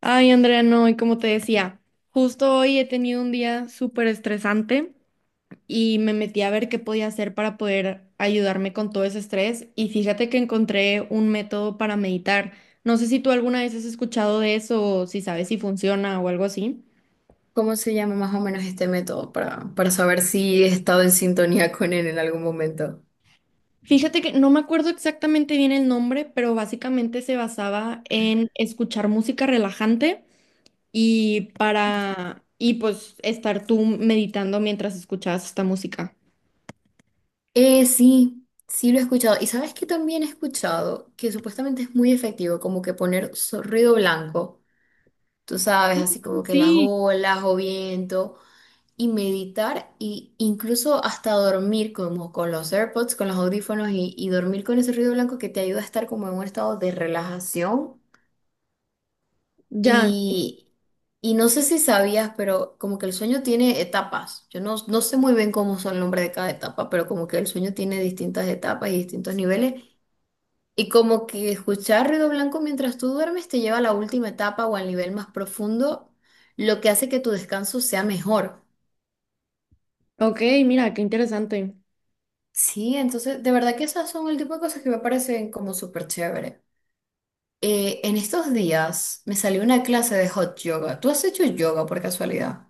Ay, Andrea, no, y como te decía, justo hoy he tenido un día súper estresante y me metí a ver qué podía hacer para poder ayudarme con todo ese estrés y fíjate que encontré un método para meditar. No sé si tú alguna vez has escuchado de eso o si sabes si funciona o algo así. ¿Cómo se llama más o menos este método para saber si he estado en sintonía con él en algún momento? Fíjate que no me acuerdo exactamente bien el nombre, pero básicamente se basaba en escuchar música relajante y pues estar tú meditando mientras escuchabas esta música. Sí, lo he escuchado. Y sabes que también he escuchado que supuestamente es muy efectivo, como que poner ruido blanco, tú sabes, así como que las Sí. olas o viento, y meditar, y incluso hasta dormir, como con los AirPods, con los audífonos, y dormir con ese ruido blanco que te ayuda a estar como en un estado de relajación. Ya. Y, y no sé si sabías, pero como que el sueño tiene etapas. Yo no sé muy bien cómo son el nombre de cada etapa, pero como que el sueño tiene distintas etapas y distintos niveles. Y como que escuchar ruido blanco mientras tú duermes te lleva a la última etapa o al nivel más profundo, lo que hace que tu descanso sea mejor. Ok, mira, qué interesante. Sí, entonces de verdad que esas son el tipo de cosas que me parecen como súper chévere. En estos días me salió una clase de hot yoga. ¿Tú has hecho yoga por casualidad?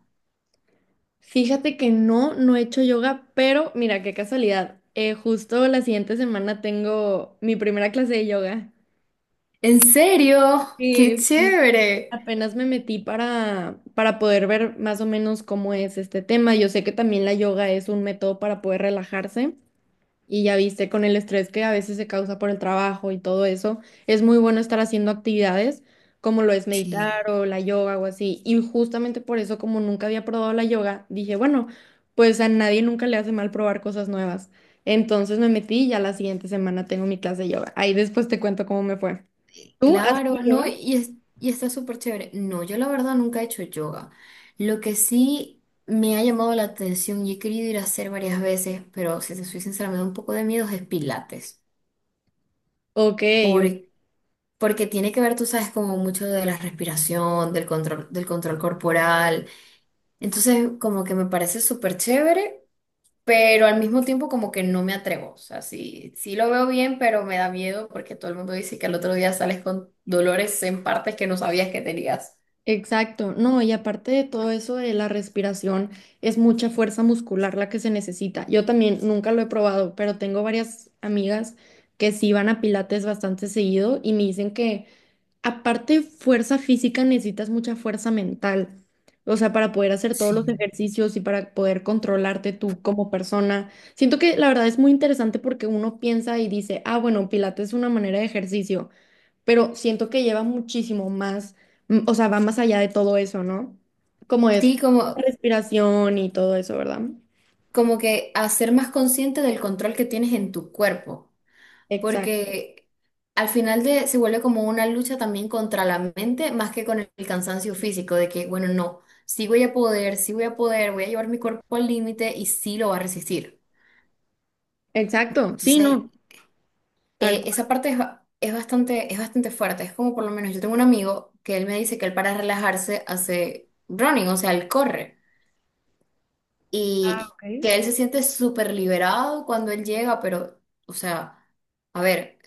Fíjate que no, no he hecho yoga, pero mira, qué casualidad. Justo la siguiente semana tengo mi primera clase de yoga. ¿En serio? Sí, ¡Qué sí. chévere! Apenas me metí para poder ver más o menos cómo es este tema. Yo sé que también la yoga es un método para poder relajarse. Y ya viste, con el estrés que a veces se causa por el trabajo y todo eso, es muy bueno estar haciendo actividades como lo es meditar Sí. o la yoga o así. Y justamente por eso, como nunca había probado la yoga, dije, bueno, pues a nadie nunca le hace mal probar cosas nuevas. Entonces me metí y ya la siguiente semana tengo mi clase de yoga. Ahí después te cuento cómo me fue. Sí, ¿Tú haces claro, no, yoga? Y está súper chévere. No, yo la verdad nunca he hecho yoga. Lo que sí me ha llamado la atención y he querido ir a hacer varias veces, pero si te soy sincera, me da un poco de miedo, es pilates. Ok. Por- Porque tiene que ver, tú sabes, como mucho de la respiración, del control corporal. Entonces, como que me parece súper chévere, pero al mismo tiempo como que no me atrevo. O sea, sí, lo veo bien, pero me da miedo porque todo el mundo dice que al otro día sales con dolores en partes que no sabías que tenías. Exacto, no, y aparte de todo eso de la respiración, es mucha fuerza muscular la que se necesita. Yo también nunca lo he probado, pero tengo varias amigas que sí van a pilates bastante seguido y me dicen que aparte de fuerza física necesitas mucha fuerza mental, o sea, para poder hacer todos los Sí. ejercicios y para poder controlarte tú como persona. Siento que la verdad es muy interesante porque uno piensa y dice, ah, bueno, pilates es una manera de ejercicio, pero siento que lleva muchísimo más, o sea, va más allá de todo eso, ¿no? Como es Sí, como, respiración y todo eso, ¿verdad? como que hacer más consciente del control que tienes en tu cuerpo, Exacto, porque al final de, se vuelve como una lucha también contra la mente, más que con el cansancio físico, de que, bueno, no, sí voy a poder, voy a llevar mi cuerpo al límite y sí lo va a resistir. exacto, Entonces, sí, no, tal esa cual, parte es, es bastante fuerte. Es como por lo menos yo tengo un amigo que él me dice que él para relajarse hace running, o sea, él corre. Y que él se siente súper liberado cuando él llega, pero, o sea, a ver,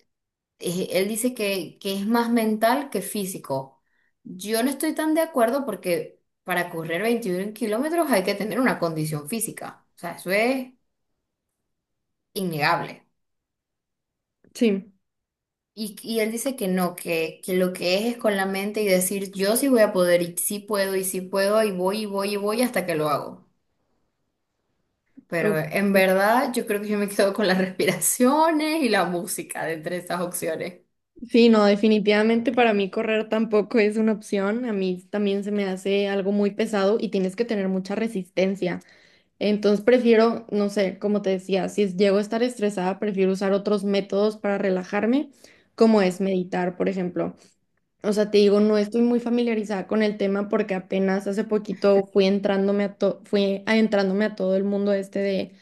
él dice que es más mental que físico. Yo no estoy tan de acuerdo porque para correr 21 kilómetros hay que tener una condición física. O sea, eso es innegable. sí. Y él dice que no, que lo que es con la mente y decir yo sí voy a poder y sí puedo y sí puedo y voy y voy y voy hasta que lo hago. Pero Ok. en verdad yo creo que yo me quedo con las respiraciones y la música de entre esas opciones. Sí, no, definitivamente para mí correr tampoco es una opción. A mí también se me hace algo muy pesado y tienes que tener mucha resistencia. Entonces prefiero, no sé, como te decía, si llego a estar estresada, prefiero usar otros métodos para relajarme, como es meditar, por ejemplo. O sea, te digo, no estoy muy familiarizada con el tema porque apenas hace poquito fui adentrándome a todo el mundo este de,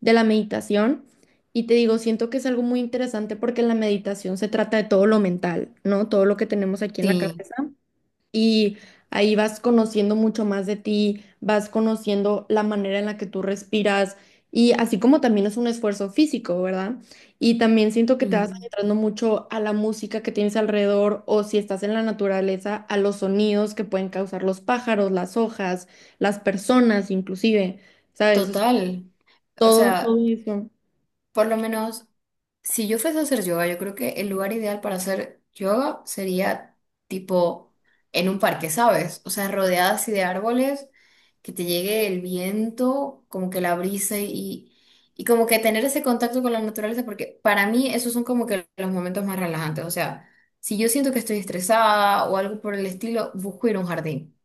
de la meditación. Y te digo, siento que es algo muy interesante porque la meditación se trata de todo lo mental, ¿no? Todo lo que tenemos aquí en la Sí, cabeza y ahí vas conociendo mucho más de ti, vas conociendo la manera en la que tú respiras y así como también es un esfuerzo físico, ¿verdad? Y también siento que te vas mm, entrando mucho a la música que tienes alrededor o si estás en la naturaleza, a los sonidos que pueden causar los pájaros, las hojas, las personas inclusive, ¿sabes? O sea, total. O todo sea, eso. por lo menos si yo fuese a hacer yoga, yo creo que el lugar ideal para hacer yoga sería tipo en un parque, ¿sabes? O sea, rodeada así de árboles, que te llegue el viento, como que la brisa y como que tener ese contacto con la naturaleza, porque para mí esos son como que los momentos más relajantes. O sea, si yo siento que estoy estresada o algo por el estilo, busco ir a un jardín.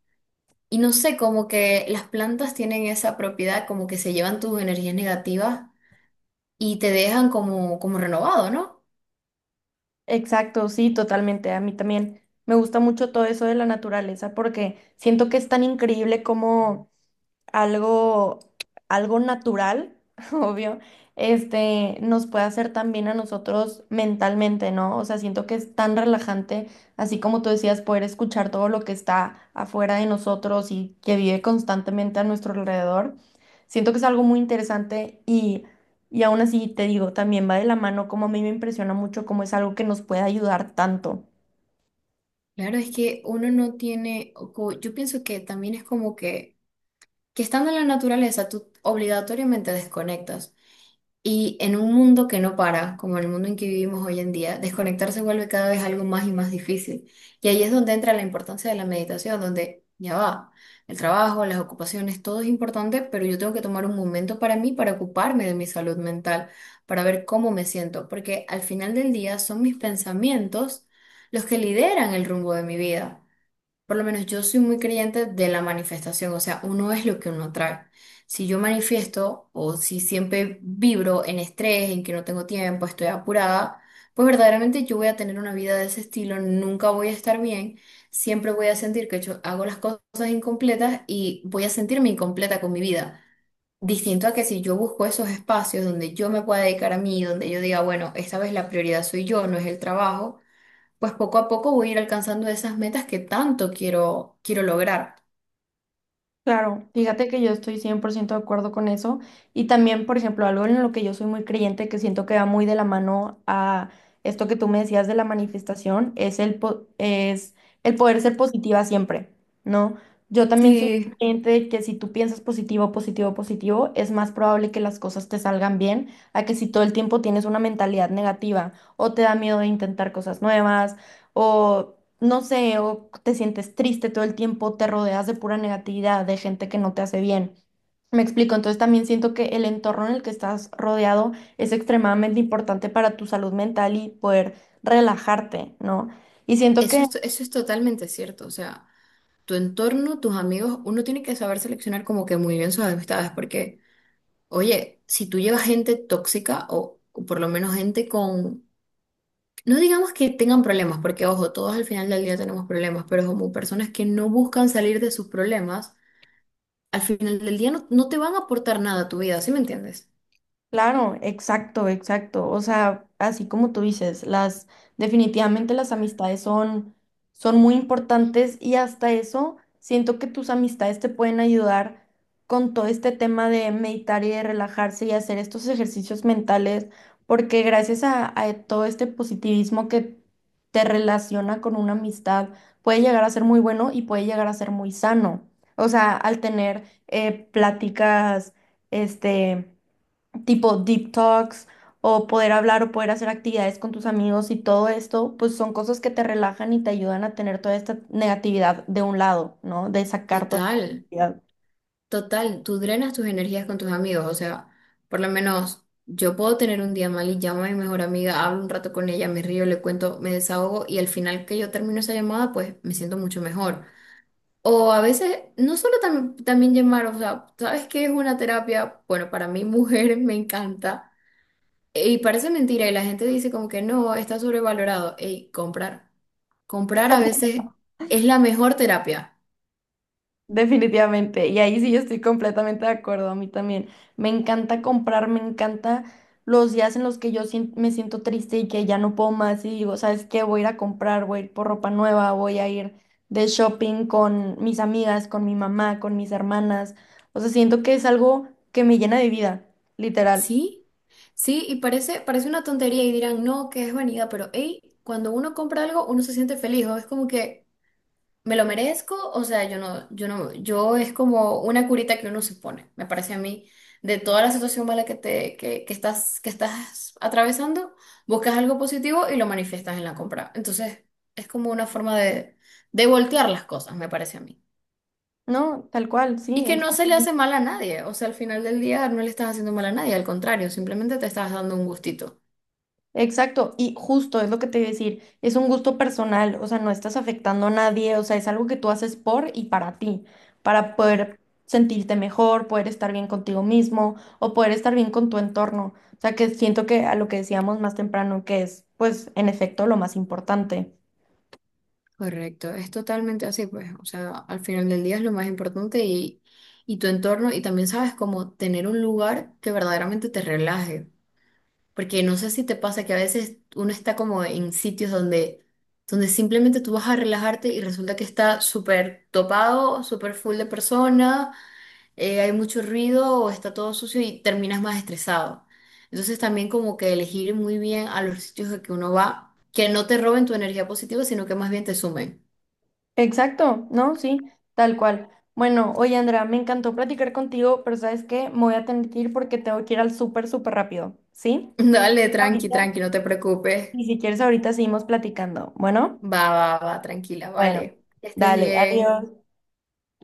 Y no sé, como que las plantas tienen esa propiedad, como que se llevan tus energías negativas y te dejan como, como renovado, ¿no? Exacto, sí, totalmente. A mí también me gusta mucho todo eso de la naturaleza porque siento que es tan increíble como algo, algo natural, obvio, este, nos puede hacer también a nosotros mentalmente, ¿no? O sea, siento que es tan relajante, así como tú decías, poder escuchar todo lo que está afuera de nosotros y que vive constantemente a nuestro alrededor. Siento que es algo muy interesante y aún así te digo, también va de la mano, como a mí me impresiona mucho, cómo es algo que nos puede ayudar tanto. Claro, es que uno no tiene, o yo pienso que también es como que estando en la naturaleza, tú obligatoriamente desconectas. Y en un mundo que no para, como el mundo en que vivimos hoy en día, desconectarse vuelve cada vez algo más y más difícil. Y ahí es donde entra la importancia de la meditación, donde ya va, el trabajo, las ocupaciones, todo es importante, pero yo tengo que tomar un momento para mí, para ocuparme de mi salud mental, para ver cómo me siento, porque al final del día son mis pensamientos los que lideran el rumbo de mi vida. Por lo menos yo soy muy creyente de la manifestación, o sea, uno es lo que uno trae. Si yo manifiesto o si siempre vibro en estrés, en que no tengo tiempo, estoy apurada, pues verdaderamente yo voy a tener una vida de ese estilo, nunca voy a estar bien, siempre voy a sentir que yo hago las cosas incompletas y voy a sentirme incompleta con mi vida. Distinto a que si yo busco esos espacios donde yo me pueda dedicar a mí, donde yo diga, bueno, esta vez la prioridad soy yo, no es el trabajo, pues poco a poco voy a ir alcanzando esas metas que tanto quiero lograr. Claro, fíjate que yo estoy 100% de acuerdo con eso. Y también, por ejemplo, algo en lo que yo soy muy creyente, que siento que va muy de la mano a esto que tú me decías de la manifestación, es el poder ser positiva siempre, ¿no? Yo también soy Sí, muy creyente de que si tú piensas positivo, positivo, positivo, es más probable que las cosas te salgan bien a que si todo el tiempo tienes una mentalidad negativa o te da miedo de intentar cosas nuevas o no sé, o te sientes triste todo el tiempo, te rodeas de pura negatividad, de gente que no te hace bien. Me explico, entonces también siento que el entorno en el que estás rodeado es extremadamente importante para tu salud mental y poder relajarte, ¿no? Y siento Eso que es, eso es totalmente cierto. O sea, tu entorno, tus amigos, uno tiene que saber seleccionar como que muy bien sus amistades, porque, oye, si tú llevas gente tóxica o por lo menos gente con, no digamos que tengan problemas, porque ojo, todos al final del día tenemos problemas, pero como personas que no buscan salir de sus problemas, al final del día no te van a aportar nada a tu vida, ¿sí me entiendes? claro, exacto, exacto. O sea, así como tú dices, las definitivamente las amistades son muy importantes y hasta eso siento que tus amistades te pueden ayudar con todo este tema de meditar y de relajarse y hacer estos ejercicios mentales, porque gracias a todo este positivismo que te relaciona con una amistad, puede llegar a ser muy bueno y puede llegar a ser muy sano. O sea, al tener pláticas, este tipo deep talks o poder hablar o poder hacer actividades con tus amigos y todo esto, pues son cosas que te relajan y te ayudan a tener toda esta negatividad de un lado, ¿no? De sacar toda esta Total. negatividad. Total, tú drenas tus energías con tus amigos, o sea, por lo menos yo puedo tener un día mal y llamo a mi mejor amiga, hablo un rato con ella, me río, le cuento, me desahogo y al final que yo termino esa llamada, pues me siento mucho mejor. O a veces, no solo también llamar, o sea, ¿sabes qué es una terapia? Bueno, para mí mujer me encanta, y parece mentira y la gente dice como que no, está sobrevalorado. Ey, comprar a veces es la mejor terapia. Definitivamente, y ahí sí yo estoy completamente de acuerdo, a mí también. Me encanta comprar, me encanta los días en los que me siento triste y que ya no puedo más y digo, ¿sabes qué? Voy a ir a comprar, voy a ir por ropa nueva, voy a ir de shopping con mis amigas, con mi mamá, con mis hermanas. O sea, siento que es algo que me llena de vida, literal. Sí, sí, y parece una tontería y dirán, no, que es vanidad, pero hey, cuando uno compra algo, uno se siente feliz, o es como que me lo merezco, o sea, yo no, yo no, yo es como una curita que uno se pone, me parece a mí, de toda la situación mala que te, que estás atravesando, buscas algo positivo y lo manifiestas en la compra. Entonces, es como una forma de voltear las cosas, me parece a mí. No, tal cual, Y sí, que no se exacto. le hace mal a nadie, o sea, al final del día no le estás haciendo mal a nadie, al contrario, simplemente te estás dando un gustito. Exacto, y justo es lo que te iba a decir, es un gusto personal, o sea, no estás afectando a nadie, o sea, es algo que tú haces por y para ti, para poder sentirte mejor, poder estar bien contigo mismo o poder estar bien con tu entorno. O sea, que siento que a lo que decíamos más temprano, que es, pues, en efecto, lo más importante. Correcto, es totalmente así, pues, o sea, al final del día es lo más importante y tu entorno y también sabes cómo tener un lugar que verdaderamente te relaje, porque no sé si te pasa que a veces uno está como en sitios donde simplemente tú vas a relajarte y resulta que está súper topado, súper full de personas, hay mucho ruido o está todo sucio y terminas más estresado. Entonces también como que elegir muy bien a los sitios a que uno va, que no te roben tu energía positiva, sino que más bien te sumen. Exacto, ¿no? Sí, tal cual. Bueno, oye, Andrea, me encantó platicar contigo, pero ¿sabes qué? Me voy a tener que ir porque tengo que ir al súper, súper rápido, ¿sí? Dale, tranqui, Ahorita. tranqui, no te preocupes. Y si quieres, ahorita seguimos platicando. Bueno, Va, va, va, tranquila, vale. bueno, Que estés dale, bien. adiós.